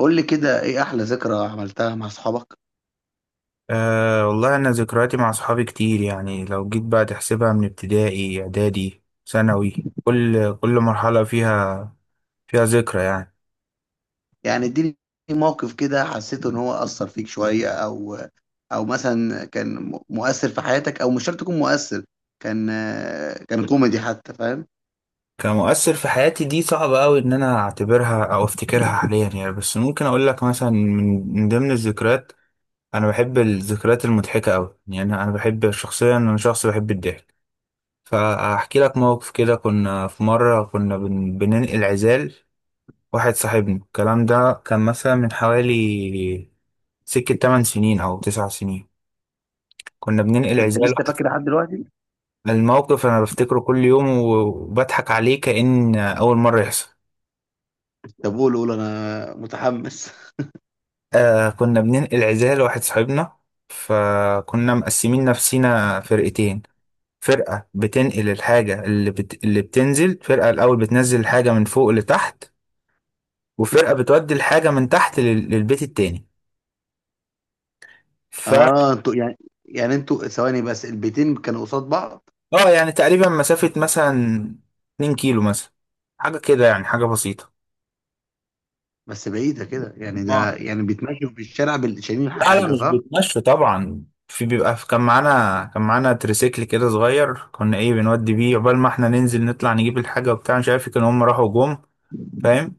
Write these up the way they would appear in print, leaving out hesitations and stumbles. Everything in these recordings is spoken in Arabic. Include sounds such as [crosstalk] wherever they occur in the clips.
قول لي كده ايه احلى ذكرى عملتها مع اصحابك؟ أه والله أنا ذكرياتي مع أصحابي كتير يعني لو جيت بقى تحسبها من ابتدائي إعدادي ثانوي كل مرحلة فيها ذكرى يعني. يعني اديني موقف كده حسيت ان هو اثر فيك شوية او او مثلا كان مؤثر في حياتك، او مش شرط يكون مؤثر، كان آه، كان كوميدي حتى، فاهم؟ كمؤثر في حياتي دي صعب أوي إن أنا أعتبرها أو أفتكرها حاليا يعني، بس ممكن أقول لك مثلا من ضمن الذكريات. أنا بحب الذكريات المضحكة أوي يعني، أنا بحب شخصيا، أنا شخص بحب الضحك. فأحكي لك موقف كده، كنا في مرة كنا بننقل عزال واحد صاحبنا. الكلام ده كان مثلا من حوالي سكة 8 سنين أو 9 سنين. كنا بننقل انت عزال. لسه فاكر لحد دلوقتي؟ الموقف أنا بفتكره كل يوم وبضحك عليه كأن أول مرة يحصل. طب قول قول انا متحمس. [laughs] آه كنا بننقل عزال لواحد صاحبنا، فكنا مقسمين نفسينا فرقتين. فرقة بتنقل الحاجة اللي بتنزل، فرقة الأول بتنزل الحاجة من فوق لتحت، وفرقة بتودي الحاجة من تحت للبيت التاني. ف اه انتوا يعني، يعني انتوا ثواني بس، البيتين كانوا قصاد بعض؟ اه يعني تقريبا مسافة مثلا 2 كيلو مثلا، حاجة كده يعني، حاجة بسيطة. بس بعيدة كده يعني، اه. ده يعني بيتمشوا في الشارع شايلين لا حاجة، مش صح؟ بيتمشوا طبعا، في بيبقى في، كان معانا تريسيكل كده صغير كنا ايه بنودي بيه، عقبال ما احنا ننزل نطلع نجيب الحاجة وبتاع، مش عارف كانوا هم راحوا جم. فاهم؟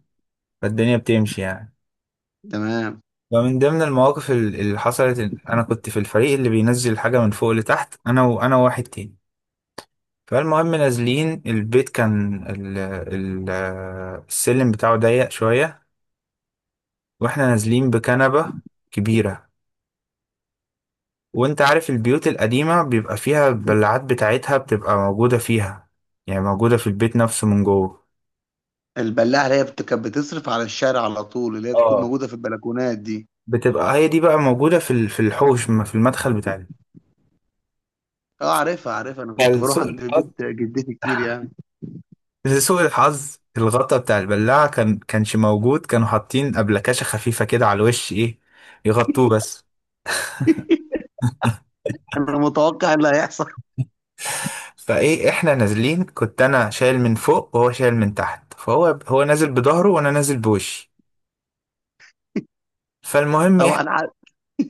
فالدنيا بتمشي يعني. تمام. ومن ضمن المواقف اللي حصلت إن انا كنت في الفريق اللي بينزل الحاجة من فوق لتحت، انا وانا وواحد تاني. فالمهم نازلين البيت، كان ال ال السلم بتاعه ضيق شوية، واحنا نازلين بكنبة كبيرة. وانت عارف البيوت القديمة بيبقى فيها البلعات بتاعتها بتبقى موجودة فيها، يعني موجودة في البيت نفسه من جوه. البلاعه اللي هي كانت بتصرف على الشارع على طول، اللي هي بتكون اه، موجوده في البلكونات دي؟ بتبقى هي دي بقى موجودة في في الحوش ما في المدخل بتاعنا. اه عارفها عارفها، انا كنت بروح فلسوء عند الحظ، بيت جدتي كتير يعني. لسوء الحظ الغطا بتاع البلاعة كان كانش موجود، كانوا حاطين أبلكاشة خفيفة كده على الوش ايه يغطوه بس. انا متوقع اللي هيحصل. [laughs] فايه احنا نازلين، كنت انا شايل من فوق وهو شايل من تحت، فهو نازل بظهره وانا نازل بوشي. فالمهم طبعا عارف.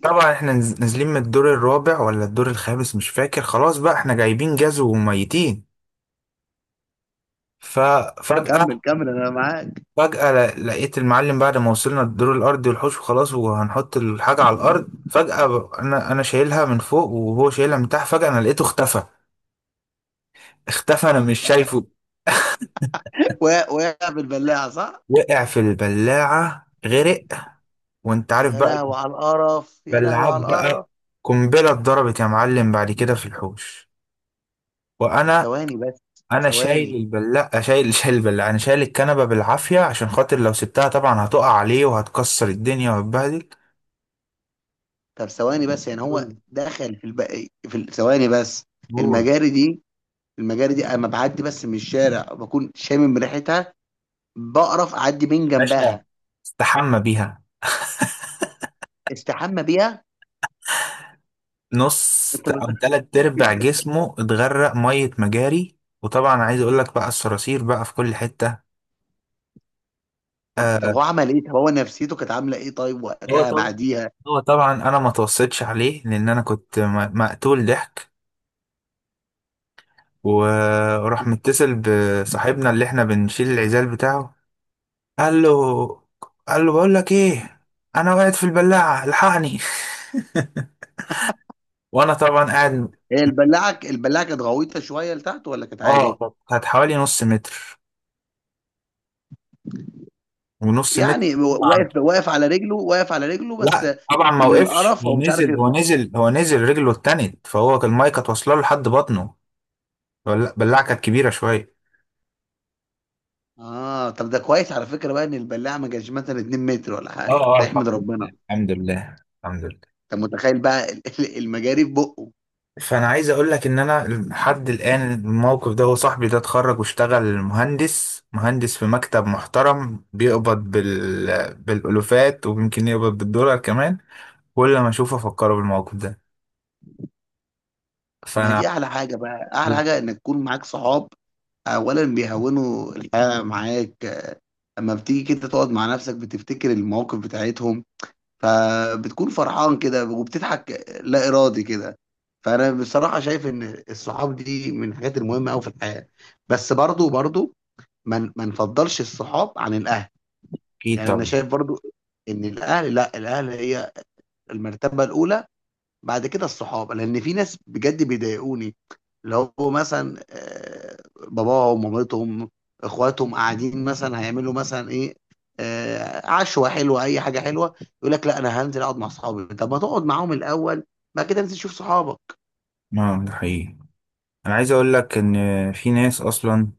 طبعا احنا نازلين من الدور الرابع ولا الدور الخامس مش فاكر، خلاص بقى احنا جايبين جاز وميتين. ففجأة، كمل كمل انا معاك. فجأة لقيت المعلم بعد ما وصلنا الدور الأرضي والحوش وخلاص وهنحط الحاجة على الأرض، فجأة أنا شايلها من فوق وهو شايلها من تحت، فجأة أنا لقيته اختفى، اختفى، أنا مش شايفه. وقع وقع بالبلاعه، صح؟ وقع في البلاعة، غرق. وأنت عارف يا بقى لهوي على القرف، يا لهوي البلاعات على القرف. بقى، قنبلة اتضربت يا معلم بعد كده في الحوش. طب وأنا ثواني بس، انا شايل ثواني، البلاعه، شايل البلاعه، انا شايل الكنبه بالعافيه عشان خاطر لو سبتها طبعا هتقع عليه وهتكسر الدنيا وهتبهدل. طب ثواني بس، يعني هو قول دخل في في ثواني بس، قول. المجاري دي، المجاري دي اما بعدي بس من الشارع بكون شامم ريحتها، بقرف اعدي من باشا، جنبها. استحمى بيها. استحمى بيها. نص أنت بت... او تلات ارباع جسمه اتغرق ميه مجاري، وطبعا عايز اقول لك بقى الصراصير بقى في كل حته. طب طب آه، هو عمل إيه؟ طب هو نفسيته كانت عاملة إيه طيب هو وقتها طبعا بعديها؟ هو طبعا انا ما توصيتش عليه لان انا كنت مقتول ضحك. وراح متصل بصاحبنا اللي احنا بنشيل العزال بتاعه، قال له قال له بقول لك ايه، انا وقعت في البلاعه الحقني. [laughs] وانا طبعا قاعد. هي البلاعة البلاعة كانت غويطة شوية لتحت ولا كانت اه عادي؟ كانت، حوالي نص متر ونص متر. يعني طبعا. واقف واقف على رجله، واقف على رجله بس؟ لا طبعا ما من وقفش، القرف هو هو مش عارف نزل هو يطلع. نزل هو نزل رجله اتنت، فهو كان المايه كانت واصله له لحد بطنه. البلاعه كانت كبيره شويه. آه طب ده كويس على فكرة بقى إن البلاعة ما كانش مثلا 2 متر ولا اه حاجة، اه، ده يحمد الحمد لله ربنا. الحمد لله الحمد لله. أنت متخيل بقى المجاري في بقه؟ فانا عايز اقول لك ان انا لحد الان الموقف ده، هو صاحبي ده اتخرج واشتغل مهندس، في مكتب محترم بيقبض بالالوفات، ويمكن يقبض بالدولار كمان. كل ما اشوفه افكره بالموقف ده. ما فانا دي أعلى حاجة بقى، أعلى حاجة إنك تكون معاك صحاب، أولا بيهونوا الحياة معاك، آه، أما بتيجي كده تقعد مع نفسك بتفتكر المواقف بتاعتهم، فبتكون فرحان كده وبتضحك لا إرادي كده. فأنا بصراحة شايف إن الصحاب دي من الحاجات المهمة أوي في الحياة، بس برضو برضو ما نفضلش الصحاب عن الأهل. اكيد يعني أنا طبعا. شايف برضو إن الأهل، لا الأهل هي المرتبة الأولى، بعد كده الصحاب، لان في ناس بجد بيضايقوني، اللي هو مثلا آه، باباهم مامتهم اخواتهم قاعدين مثلا، هيعملوا مثلا ايه، آه، عشوه حلوه اي حاجه حلوه، يقول لك لا انا هنزل اقعد مع صحابي. طب ما تقعد معاهم الاول، بعد كده انزل شوف صحابك. اه ده حقيقي. انا عايز اقول لك ان في ناس اصلا،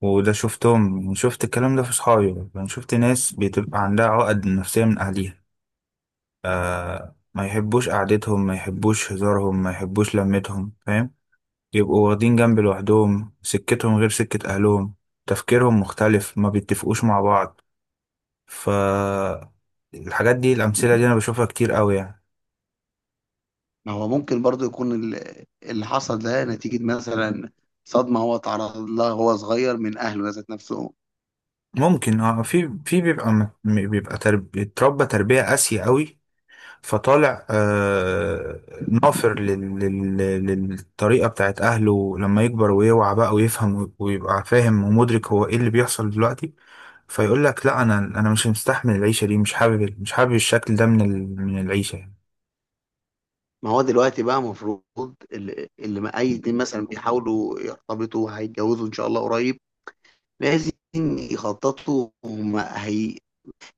وده شفتهم، شفت الكلام ده في صحابي، انا شفت ناس بتبقى عندها عقد نفسية من اهليها. ما يحبوش قعدتهم، ما يحبوش هزارهم، ما يحبوش لمتهم. فاهم؟ يبقوا واخدين جنب لوحدهم، سكتهم غير سكة أهلهم، تفكيرهم مختلف، ما بيتفقوش مع بعض. ف الحاجات دي، الأمثلة دي أنا بشوفها كتير قوي يعني. ما هو ممكن برضو يكون اللي حصل ده نتيجه مثلا صدمه هو تعرض لها وهو صغير من اهله ذات نفسهم. ممكن اه، في في بيبقى بيبقى اتربى تربية قاسية قوي، فطالع آه نافر للطريقة بتاعت أهله. لما يكبر ويوعى بقى ويفهم ويبقى فاهم ومدرك هو إيه اللي بيحصل دلوقتي، فيقول لك لا أنا مش مستحمل العيشة دي، مش حابب الشكل ده من العيشة يعني. ما هو دلوقتي بقى المفروض، اللي ما اي اتنين مثلا بيحاولوا يرتبطوا هيتجوزوا ان شاء الله قريب، لازم يخططوا هم هي،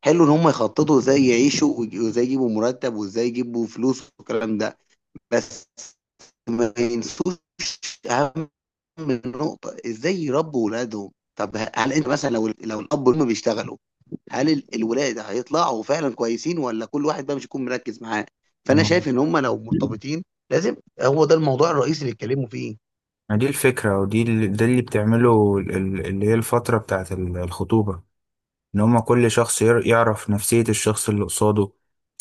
حلو ان هم يخططوا ازاي يعيشوا وازاي يجيبوا مرتب وازاي يجيبوا فلوس والكلام ده، بس ما ينسوش اهم نقطة، ازاي يربوا ولادهم. طب هل انت مثلا لو الاب والام بيشتغلوا، هل الولاد هيطلعوا فعلا كويسين، ولا كل واحد بقى مش يكون مركز معاه؟ فانا ما شايف ان هم لو مرتبطين لازم، هو ده الموضوع الرئيسي اللي يتكلموا فيه. ما دي الفكرة، ودي ده اللي بتعمله اللي هي الفترة بتاعت الخطوبة. إن هما كل شخص يعرف نفسية الشخص اللي قصاده،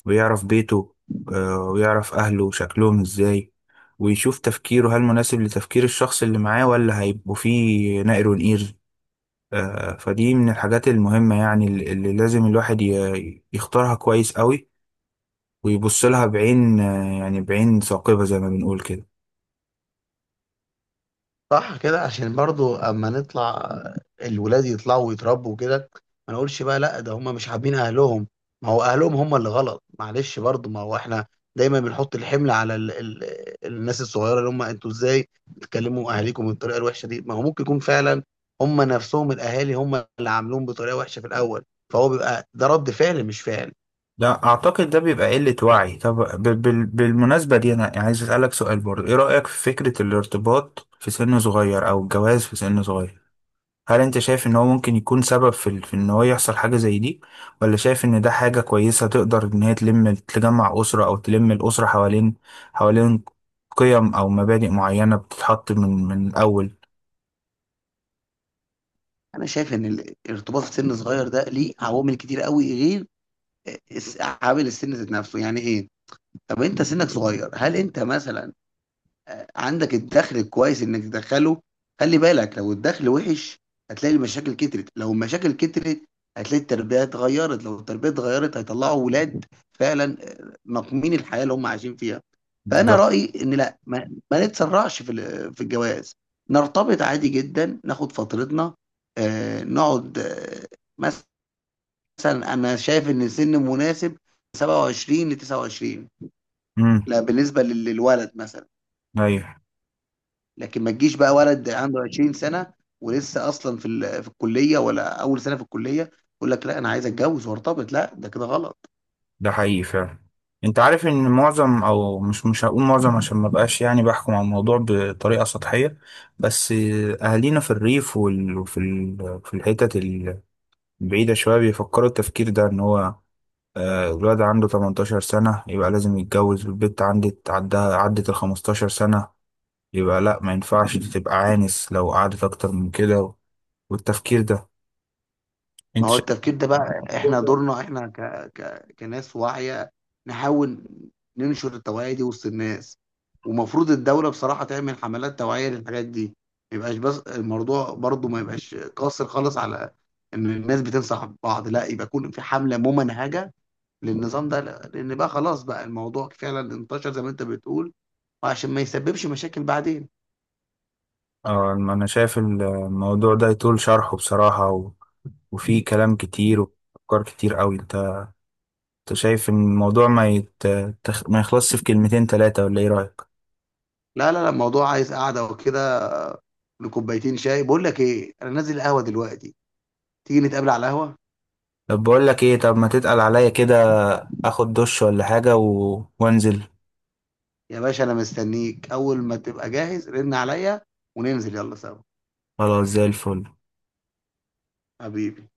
ويعرف بيته، آه، ويعرف أهله شكلهم إزاي، ويشوف تفكيره هل مناسب لتفكير الشخص اللي معاه، ولا هيبقوا فيه نقر ونقير. آه، فدي من الحاجات المهمة يعني، اللي لازم الواحد يختارها كويس قوي، ويبص لها بعين آه، يعني بعين ثاقبة زي ما بنقول كده. صح كده، عشان برضو اما نطلع الولاد يطلعوا ويتربوا كده، ما نقولش بقى لا ده هم مش حابين اهلهم، ما هو اهلهم هم اللي غلط، معلش برضو ما هو احنا دايما بنحط الحمل على ال الناس الصغيره، اللي هم انتوا ازاي بتكلموا اهاليكم بالطريقه الوحشه دي، ما هو ممكن يكون فعلا هم نفسهم الاهالي هم اللي عاملين بطريقه وحشه في الاول، فهو بيبقى ده رد فعل مش فعل. لا اعتقد ده بيبقى قلة وعي. طب، بالمناسبة دي انا عايز اسألك سؤال برضه، ايه رأيك في فكرة الارتباط في سن صغير او الجواز في سن صغير؟ هل انت شايف ان هو ممكن يكون سبب في في ان هو يحصل حاجة زي دي، ولا شايف ان ده حاجة كويسة تقدر ان هي تلم، تجمع أسرة، او تلم الأسرة حوالين قيم او مبادئ معينة بتتحط من الاول؟ انا شايف ان الارتباط في سن صغير ده ليه عوامل كتير قوي غير عامل السن ذات نفسه، يعني ايه؟ طب انت سنك صغير، هل انت مثلا عندك الدخل الكويس انك تدخله؟ خلي بالك لو الدخل وحش، هتلاقي المشاكل كترت، لو المشاكل كترت هتلاقي التربية اتغيرت، لو التربية اتغيرت هيطلعوا ولاد فعلا مقمين الحياة اللي هم عايشين فيها. فانا بالظبط. رأيي ان لا، ما نتسرعش في في الجواز، نرتبط عادي جدا ناخد فترتنا، آه نقعد آه مثلا، انا شايف ان سن مناسب 27 ل 29، امم. لا بالنسبة للولد مثلا. ايوه. لكن ما تجيش بقى ولد عنده 20 سنة ولسه أصلا في في الكلية ولا أول سنة في الكلية، يقول لك لا أنا عايز أتجوز وأرتبط، لا ده كده غلط. ده حقيقي فعلا. انت عارف ان معظم، او مش هقول معظم عشان ما بقاش يعني بحكم على الموضوع بطريقه سطحيه، بس اهالينا في الريف في الحتت البعيده شويه بيفكروا التفكير ده، ان هو آه، الولد عنده 18 سنه يبقى لازم يتجوز، والبنت عدت ال 15 سنه يبقى لا ما ينفعش، دي تبقى عانس لو قعدت اكتر من كده. والتفكير ده ما انت هو شايف التفكير ده بقى الموضوع إحنا ده. دورنا، إحنا كناس واعية نحاول ننشر التوعية دي وسط الناس، ومفروض الدولة بصراحة تعمل حملات توعية للحاجات دي، ما يبقاش بس الموضوع برضو ما يبقاش قاصر خالص على إن الناس بتنصح بعض، لا يبقى يكون في حملة ممنهجة للنظام ده، لا. لان بقى خلاص بقى الموضوع فعلا انتشر زي ما انت بتقول، وعشان ما يسببش مشاكل بعدين. اه، انا شايف الموضوع ده يطول شرحه بصراحه، وفي كلام كتير وأفكار كتير قوي. انت شايف ان الموضوع ما يت... تخ- ما يخلصش في كلمتين تلاتة، ولا ايه رأيك؟ لا لا لا، الموضوع عايز قعده وكده، لكوبايتين شاي، بقول لك ايه، انا نازل القهوه دلوقتي، تيجي نتقابل على القهوه؟ طب بقول لك ايه، طب ما تتقل عليا كده، اخد دش ولا حاجة وانزل. يا باشا انا مستنيك، اول ما تبقى جاهز رن عليا وننزل يلا سوا. خلاص زي الفل. حبيبي.